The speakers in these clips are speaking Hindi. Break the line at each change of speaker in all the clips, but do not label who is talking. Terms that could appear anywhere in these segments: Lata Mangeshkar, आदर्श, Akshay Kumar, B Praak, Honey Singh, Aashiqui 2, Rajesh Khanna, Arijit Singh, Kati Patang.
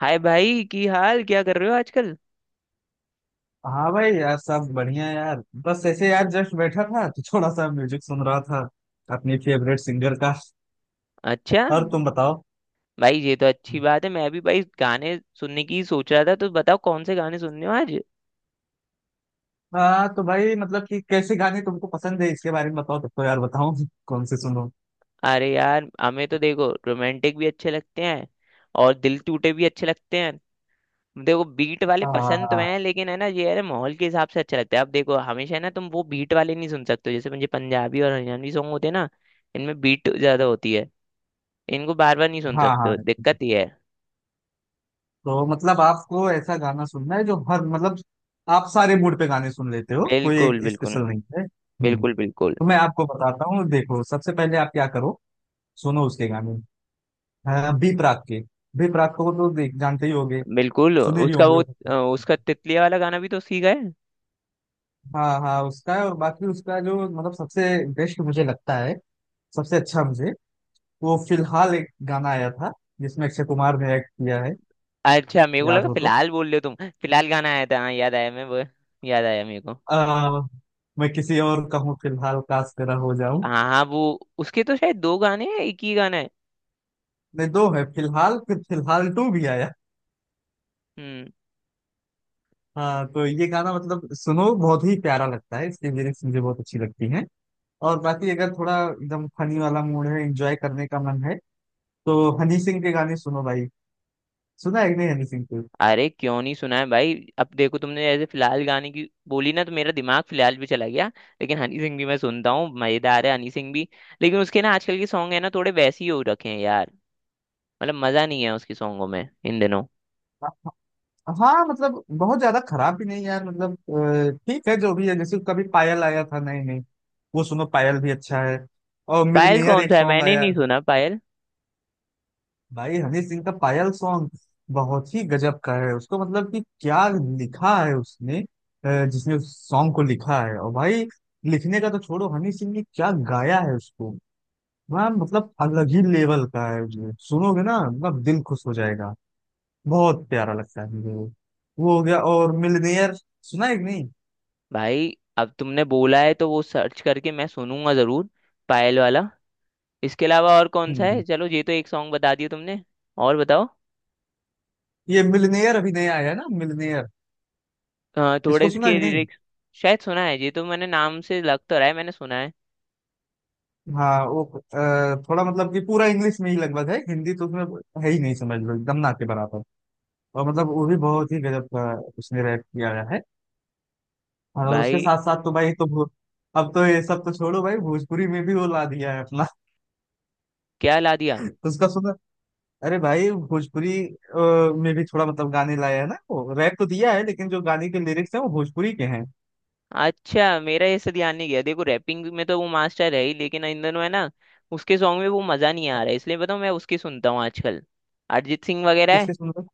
हाय भाई, की हाल, क्या कर रहे हो आजकल।
हाँ भाई, यार सब बढ़िया, यार बस ऐसे, यार जस्ट बैठा था तो थोड़ा सा म्यूजिक सुन रहा था अपने फेवरेट सिंगर का।
अच्छा।
और तुम बताओ।
भाई ये तो अच्छी बात है, मैं भी भाई गाने सुनने की ही सोच रहा था। तो बताओ कौन से गाने सुनने हो आज।
हाँ तो भाई मतलब कि कैसे गाने तुमको पसंद है इसके बारे में बताओ, तब तो यार बताओ कौन से सुनो।
अरे यार, हमें तो देखो रोमांटिक भी अच्छे लगते हैं। और दिल टूटे भी अच्छे लगते हैं। देखो बीट वाले पसंद तो
हाँ
हैं, लेकिन है ना, ये है ना, माहौल के हिसाब से अच्छा लगता है। अब देखो, हमेशा है ना तुम वो बीट वाले नहीं सुन सकते हो। जैसे मुझे पंजाबी और हरियाणवी सॉन्ग होते हैं ना, इनमें बीट ज्यादा होती है। इनको बार बार नहीं सुन
हाँ।
सकते
हाँ
हो, दिक्कत ये है।
तो मतलब आपको ऐसा गाना सुनना है जो हर मतलब आप सारे मूड पे गाने सुन लेते हो, कोई एक
बिल्कुल बिल्कुल।
स्पेशल नहीं है। हम्म।
बिल्कुल बिल्कुल।
तो मैं आपको बताता हूँ, देखो, सबसे पहले आप क्या करो, सुनो उसके गाने। हाँ, बी प्राक के। बी प्राक को तो देख जानते ही होगे,
बिल्कुल,
सुने भी
उसका
होंगे,
वो
हो सकता है।
उसका तितलिया वाला गाना भी तो सीखा है।
हाँ हाँ, उसका है। और बाकी उसका जो मतलब सबसे बेस्ट मुझे लगता है, सबसे अच्छा मुझे, वो फिलहाल एक गाना आया था जिसमें अक्षय कुमार ने एक्ट किया है,
अच्छा, मेरे को
याद
लगा
हो तो।
फिलहाल बोल रहे हो, तुम फिलहाल गाना आया था। हाँ याद आया, मैं वो याद आया मेरे को।
आ, मैं किसी और का हूँ फिलहाल, काश तेरा हो जाऊं।
हाँ हाँ वो, उसके तो शायद दो गाने हैं, एक ही गाना है।
नहीं दो है, फिलहाल फिर फिलहाल टू भी आया।
हम्म।
हाँ तो ये गाना मतलब सुनो बहुत ही प्यारा लगता है, इसकी लिरिक्स मुझे बहुत अच्छी लगती हैं। और बाकी अगर थोड़ा एकदम फनी वाला मूड है, एंजॉय करने का मन है, तो हनी सिंह के गाने सुनो भाई। सुना है कि नहीं हनी सिंह के।
अरे क्यों नहीं सुना है भाई। अब देखो तुमने जैसे फिलहाल गाने की बोली ना, तो मेरा दिमाग फिलहाल भी चला गया। लेकिन हनी सिंह भी मैं सुनता हूँ, मजेदार है हनी सिंह भी। लेकिन उसके ना आजकल के सॉन्ग है ना, थोड़े वैसे ही हो रखे हैं यार। मतलब मजा नहीं है उसके सॉन्गों में इन दिनों।
हाँ मतलब बहुत ज्यादा खराब भी नहीं यार, मतलब ठीक है जो भी है, जैसे कभी पायल आया था, नहीं नहीं, वो सुनो, पायल भी अच्छा है। और
पायल
मिलनियर
कौन
एक
सा है?
सॉन्ग
मैंने
आया
नहीं
है।
सुना पायल।
भाई हनी सिंह का पायल सॉन्ग बहुत ही गजब का है। उसको मतलब कि क्या लिखा है उसने, जिसने उस सॉन्ग को लिखा है, और भाई लिखने का तो छोड़ो, हनी सिंह ने क्या गाया है उसको। वह मतलब अलग ही लेवल का है, उसमें सुनोगे ना मतलब दिल खुश हो जाएगा, बहुत प्यारा लगता है मुझे वो। वो हो गया और मिलनेयर, सुना है कि नहीं।
भाई अब तुमने बोला है तो वो सर्च करके मैं सुनूंगा जरूर, पायल वाला। इसके अलावा और कौन सा है?
हम्म
चलो ये तो एक सॉन्ग बता दिया तुमने। और बताओ।
ये मिलनेयर अभी नया आया है ना, मिलनेयर।
थोड़े
इसको सुना है
इसके
कि नहीं?
लिरिक्स शायद सुना है ये तो, मैंने नाम से लग तो रहा है, मैंने सुना है।
हाँ वो थोड़ा मतलब कि पूरा इंग्लिश में ही लगभग है, हिंदी तो उसमें है ही नहीं समझ लो, एकदम ना के बराबर। और मतलब वो भी बहुत ही गजब का, उसने रैप किया गया है। और उसके
भाई
साथ साथ तो भाई अब तो ये सब तो छोड़ो भाई, भोजपुरी में भी वो ला दिया है अपना।
क्या ला दिया?
उसका सुना। अरे भाई भोजपुरी में भी थोड़ा मतलब गाने लाया है ना, वो रैप तो दिया है लेकिन जो गाने के लिरिक्स हैं वो भोजपुरी के हैं।
अच्छा मेरा ऐसे ध्यान नहीं गया। देखो रैपिंग में तो वो मास्टर है ही, लेकिन इन दोनों है ना उसके सॉन्ग में वो मजा नहीं आ
आप
रहा है। इसलिए बताऊँ मैं उसकी सुनता हूँ आजकल। अरिजीत सिंह वगैरह है।
किसके सुन रहे?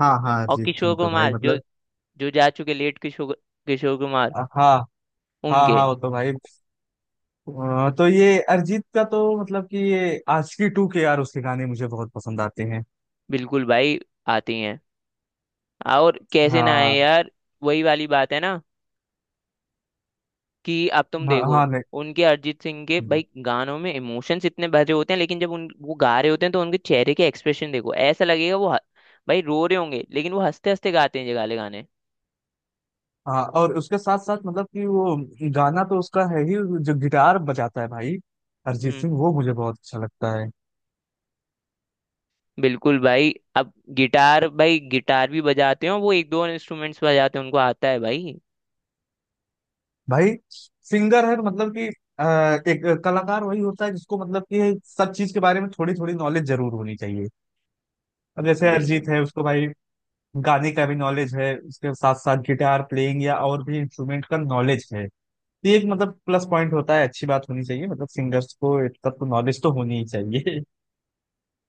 हाँ हाँ,
और
अरिजीत
किशोर
सिंह तो भाई
कुमार, जो
मतलब।
जो जा चुके, लेट किशोर, किशोर कुमार
हो? हाँ। हाँ
उनके।
हाँ वो तो भाई, तो ये अरिजीत का तो मतलब कि ये आशिकी टू के, यार उसके गाने मुझे बहुत पसंद आते हैं।
बिल्कुल भाई, आती हैं। और कैसे ना आए
हाँ
यार, वही वाली बात है ना, कि अब तुम
हाँ।
देखो
हाँ, नहीं।
उनके अरिजीत सिंह के
हम्म,
भाई गानों में इमोशंस इतने भरे होते हैं, लेकिन जब उन वो गा रहे होते हैं तो उनके चेहरे के एक्सप्रेशन देखो, ऐसा लगेगा वो ह- भाई रो रहे होंगे, लेकिन वो हंसते हंसते गाते हैं ये गाले गाने।
हाँ और उसके साथ साथ मतलब कि वो गाना तो उसका है ही, जो गिटार बजाता है भाई अरिजीत
हम्म।
सिंह, वो मुझे बहुत अच्छा लगता है।
बिल्कुल भाई। अब गिटार, भाई गिटार भी बजाते हो। वो एक दो इंस्ट्रूमेंट्स बजाते हैं, उनको आता है भाई।
भाई सिंगर है तो मतलब कि अ, एक कलाकार वही होता है जिसको मतलब कि सब चीज के बारे में थोड़ी थोड़ी नॉलेज जरूर होनी चाहिए। अब जैसे अरिजीत
बिल्कुल।
है, उसको भाई गाने का भी नॉलेज है, उसके साथ साथ गिटार प्लेइंग या और भी इंस्ट्रूमेंट का नॉलेज है। तो ये एक मतलब प्लस पॉइंट होता है, अच्छी बात होनी चाहिए, मतलब सिंगर्स को इतना तो नॉलेज तो होनी ही चाहिए।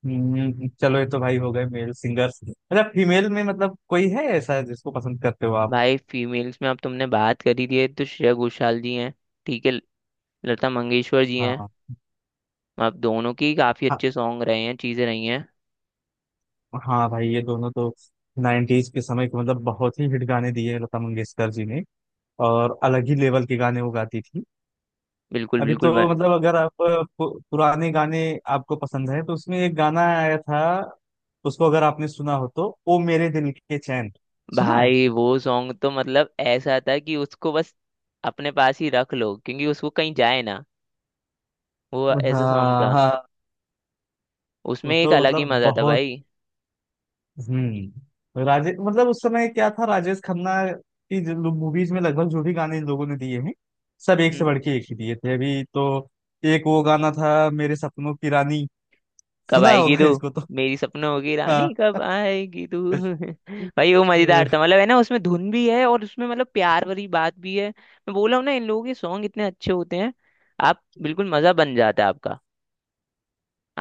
चलो ये तो भाई हो गए मेल सिंगर्स। अच्छा फीमेल में मतलब कोई है ऐसा जिसको पसंद करते हो आप?
भाई फीमेल्स में अब तुमने बात करी दी है, तो श्रेया घोषाल जी हैं, ठीक है, लता मंगेशकर जी हैं।
हाँ।
अब दोनों की काफी अच्छे सॉन्ग रहे हैं, चीजें रही हैं।
हाँ भाई ये दोनों तो 90s के समय के मतलब बहुत ही हिट गाने दिए हैं लता मंगेशकर जी ने, और अलग ही लेवल के गाने वो गाती थी।
बिल्कुल
अभी
बिल्कुल भ-
तो मतलब अगर आप पुराने गाने आपको पसंद है तो उसमें एक गाना आया था, उसको अगर आपने सुना हो, तो ओ मेरे दिल के चैन, सुना है।
भाई वो सॉन्ग तो मतलब ऐसा था कि उसको बस अपने पास ही रख लो, क्योंकि उसको कहीं जाए ना, वो ऐसा सॉन्ग
हाँ
था।
हाँ, वो
उसमें एक
तो
अलग ही
मतलब
मजा था
बहुत,
भाई।
राजेश मतलब उस समय क्या था, राजेश खन्ना की जो मूवीज में लगभग जो भी गाने इन लोगों ने दिए हैं सब एक से
हम्म,
बढ़ के एक ही दिए थे। अभी तो एक वो गाना था मेरे सपनों की रानी,
कब
सुना
आएगी
होगा
तू,
इसको तो।
मेरी सपनों की रानी
हाँ।
कब आएगी तू।
अ,
भाई वो मजेदार था, मतलब है ना उसमें धुन भी है और उसमें मतलब प्यार वाली बात भी है। मैं बोला हूं ना, इन लोगों के सॉन्ग इतने अच्छे होते हैं। आप बिल्कुल, मजा बन जाता है आपका,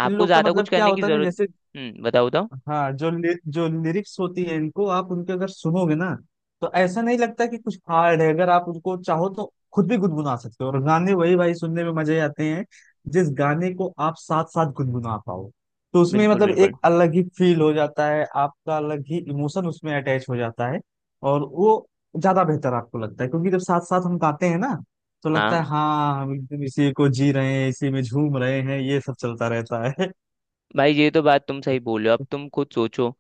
इन
आपको
लोग का
ज्यादा कुछ
मतलब क्या
करने की
होता है ना,
जरूरत।
जैसे।
हम्म, बताओ बताओ।
हाँ, जो लिरिक्स होती है इनको आप उनके अगर सुनोगे ना तो ऐसा नहीं लगता कि कुछ हार्ड है। अगर आप उनको चाहो तो खुद भी गुनगुना सकते हो, और गाने वही भाई सुनने में मजे आते हैं जिस गाने को आप साथ साथ गुनगुना पाओ। तो उसमें
बिल्कुल
मतलब एक
बिल्कुल।
अलग ही फील हो जाता है आपका, अलग ही इमोशन उसमें अटैच हो जाता है। और वो ज्यादा बेहतर आपको लगता है, क्योंकि जब साथ साथ हम गाते हैं ना, तो लगता
हाँ
है हाँ हम एकदम इसी को जी रहे हैं, इसी में झूम रहे हैं, ये सब चलता रहता है।
भाई, ये तो बात तुम सही बोल रहे हो। अब तुम खुद सोचो,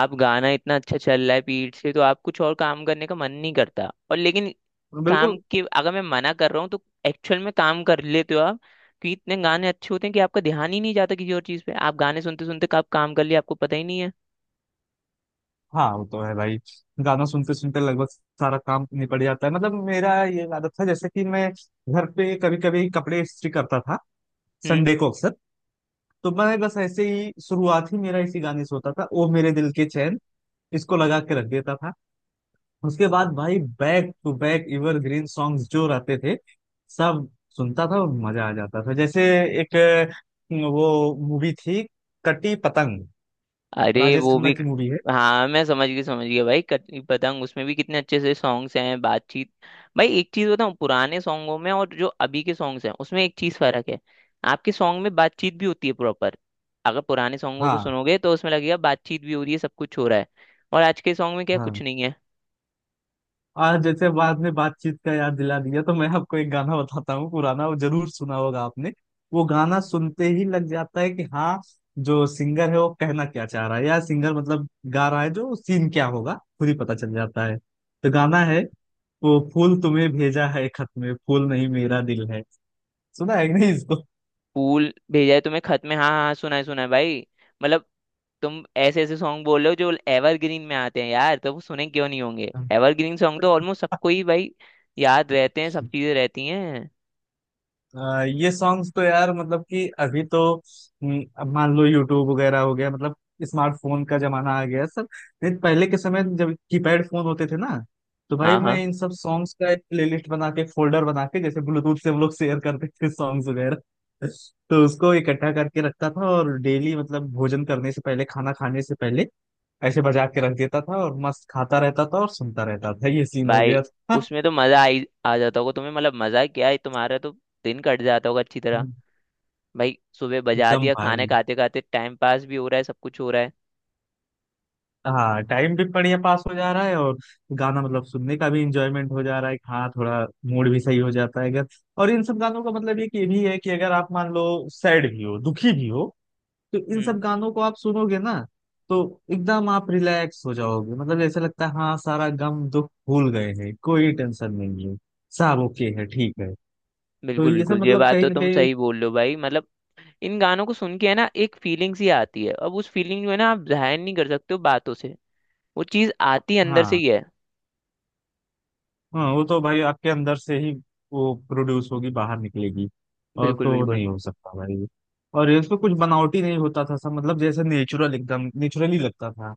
आप गाना इतना अच्छा चल रहा है पीठ से, तो आप कुछ और काम करने का मन नहीं करता। और लेकिन
बिल्कुल।
काम के अगर मैं मना कर रहा हूँ तो एक्चुअल में काम कर लेते हो आप। कि इतने गाने अच्छे होते हैं कि आपका ध्यान ही नहीं जाता किसी और चीज़ पे, आप गाने सुनते सुनते आप काम कर लिए, आपको पता ही नहीं है।
हाँ वो तो है भाई, गाना सुनते सुनते लगभग सारा काम निपट जाता है। मतलब मेरा ये आदत था, जैसे कि मैं घर पे कभी कभी कपड़े इस्त्री करता था,
हम्म।
संडे को अक्सर। तो मैं बस ऐसे ही, शुरुआत ही मेरा इसी गाने से होता था, ओ मेरे दिल के चैन, इसको लगा के रख देता था। उसके बाद भाई back to back green songs जो रहते थे सब सुनता था, और मजा आ जाता था। जैसे एक, वो मूवी थी कटी पतंग,
अरे
राजेश
वो
खन्ना
भी,
की मूवी है।
हाँ मैं समझ गई। समझ गया भाई, कटनी पतंग, उसमें भी कितने अच्छे से सॉन्ग्स हैं, बातचीत। भाई एक चीज बताऊँ, पुराने सॉन्गों में और जो अभी के सॉन्ग्स हैं उसमें एक चीज फर्क है। आपके सॉन्ग में बातचीत भी होती है प्रॉपर। अगर पुराने सॉन्गों को
हाँ
सुनोगे तो उसमें लगेगा बातचीत भी हो रही है, सब कुछ हो रहा है। और आज के सॉन्ग में क्या
हाँ।
कुछ नहीं है।
आज जैसे बाद में बातचीत का याद दिला दिया, तो मैं आपको एक गाना बताता हूँ पुराना, वो जरूर सुना होगा आपने। वो गाना सुनते ही लग जाता है कि हाँ, जो सिंगर है वो कहना क्या चाह रहा है, या सिंगर मतलब गा रहा है, जो सीन क्या होगा खुद ही पता चल जाता है। तो गाना है, वो फूल तुम्हें भेजा है खत में, फूल नहीं मेरा दिल है। सुना है कि नहीं इसको?
फूल भेजा है तुम्हें खत में, हाँ हाँ सुना है भाई। मतलब तुम ऐसे ऐसे सॉन्ग बोल रहे हो जो एवरग्रीन में आते हैं यार, तो वो सुने क्यों नहीं होंगे। एवरग्रीन सॉन्ग तो ऑलमोस्ट सबको ही भाई याद रहते हैं, सब चीजें रहती हैं।
ये सॉन्ग्स तो यार मतलब कि अभी तो, अब मान लो यूट्यूब वगैरह हो गया, मतलब स्मार्टफोन का जमाना आ गया सब। नहीं पहले के समय जब कीपैड फोन होते थे ना, तो भाई
हाँ
मैं
हाँ
इन सब सॉन्ग्स का एक प्लेलिस्ट बना के, फोल्डर बना के, जैसे ब्लूटूथ से हम लोग शेयर करते थे सॉन्ग्स वगैरह, तो उसको इकट्ठा करके रखता था। और डेली मतलब भोजन करने से पहले, खाना खाने से पहले ऐसे बजा के रख देता था, और मस्त खाता रहता था और सुनता रहता था। ये सीन हो
भाई,
गया था।
उसमें तो मजा आई आ जाता होगा तुम्हें, मतलब मजा क्या है तुम्हारा तो, दिन कट जाता होगा अच्छी तरह। भाई सुबह बजा
एकदम
दिया, खाने
भाई।
खाते खाते टाइम पास भी हो रहा है, सब कुछ हो रहा है।
हाँ टाइम भी बढ़िया पास हो जा रहा है, और गाना मतलब सुनने का भी इंजॉयमेंट हो जा रहा है, हाँ थोड़ा मूड भी सही हो जाता है अगर। और इन सब गानों का मतलब ये कि ये भी है कि अगर आप मान लो सैड भी हो, दुखी भी हो, तो इन
हम्म।
सब गानों को आप सुनोगे ना, तो एकदम आप रिलैक्स हो जाओगे, मतलब ऐसा लगता है हाँ सारा गम दुख भूल गए हैं, कोई टेंशन नहीं है, सब ओके है, ठीक है। तो
बिल्कुल
ये सब
बिल्कुल, ये
मतलब
बात
कहीं
तो
ना
तुम
कहीं।
सही बोल रहे हो भाई। मतलब इन गानों को सुन के है ना, एक फीलिंग सी आती है। अब उस फीलिंग जो है ना, आप जाहिर नहीं कर सकते हो बातों से, वो चीज आती अंदर से
हाँ
ही है।
हाँ, वो तो भाई आपके अंदर से ही वो प्रोड्यूस होगी, बाहर निकलेगी। और
बिल्कुल
तो
बिल्कुल।
नहीं हो सकता भाई। और इसमें कुछ बनावटी नहीं होता था, सब मतलब जैसे नेचुरल, एकदम नेचुरली लगता था।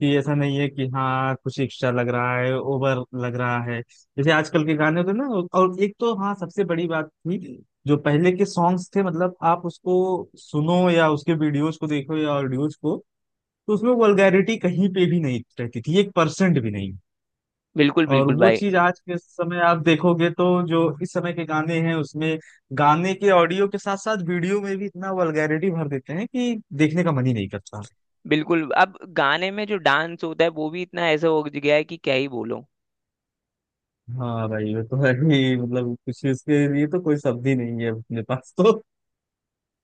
कि ऐसा नहीं है कि हाँ कुछ एक्स्ट्रा लग रहा है, ओवर लग रहा है, जैसे आजकल के गाने होते हैं ना। और एक तो हाँ सबसे बड़ी बात थी, जो पहले के सॉन्ग्स थे मतलब आप उसको सुनो या उसके वीडियोज को देखो या ऑडियोज को, तो उसमें वल्गैरिटी कहीं पे भी नहीं रहती थी, 1% भी नहीं।
बिल्कुल
और
बिल्कुल
वो
भाई।
चीज आज के समय आप देखोगे, तो जो इस समय के गाने हैं उसमें गाने के ऑडियो के साथ साथ वीडियो में भी इतना वल्गैरिटी भर देते हैं कि देखने का मन ही नहीं करता।
बिल्कुल। अब गाने में जो डांस होता है वो भी इतना ऐसा हो गया है कि क्या ही बोलो।
हाँ भाई वो तो है ही, मतलब कुछ इसके लिए तो कोई शब्द ही नहीं है अपने पास तो।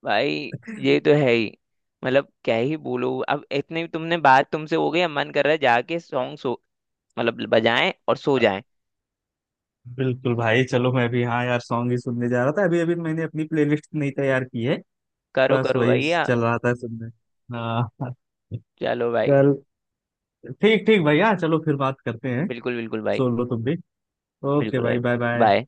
भाई ये तो है ही, मतलब क्या ही बोलो। अब इतने भी तुमने बात तुमसे हो गई, अब मन कर रहा है जाके सॉन्ग सो, मतलब बजाएं और सो जाएं।
बिल्कुल भाई, चलो मैं भी, हाँ यार सॉन्ग ही सुनने जा रहा था अभी अभी, मैंने अपनी प्लेलिस्ट नहीं तैयार की है,
करो
बस
करो
वही
भैया।
चल रहा था सुनने। हाँ
चलो भाई।
चल, ठीक ठीक भैया, चलो फिर बात करते हैं,
बिल्कुल बिल्कुल भाई।
सुन लो तुम भी। ओके
बिल्कुल भाई।
भाई, बाय बाय।
बाय।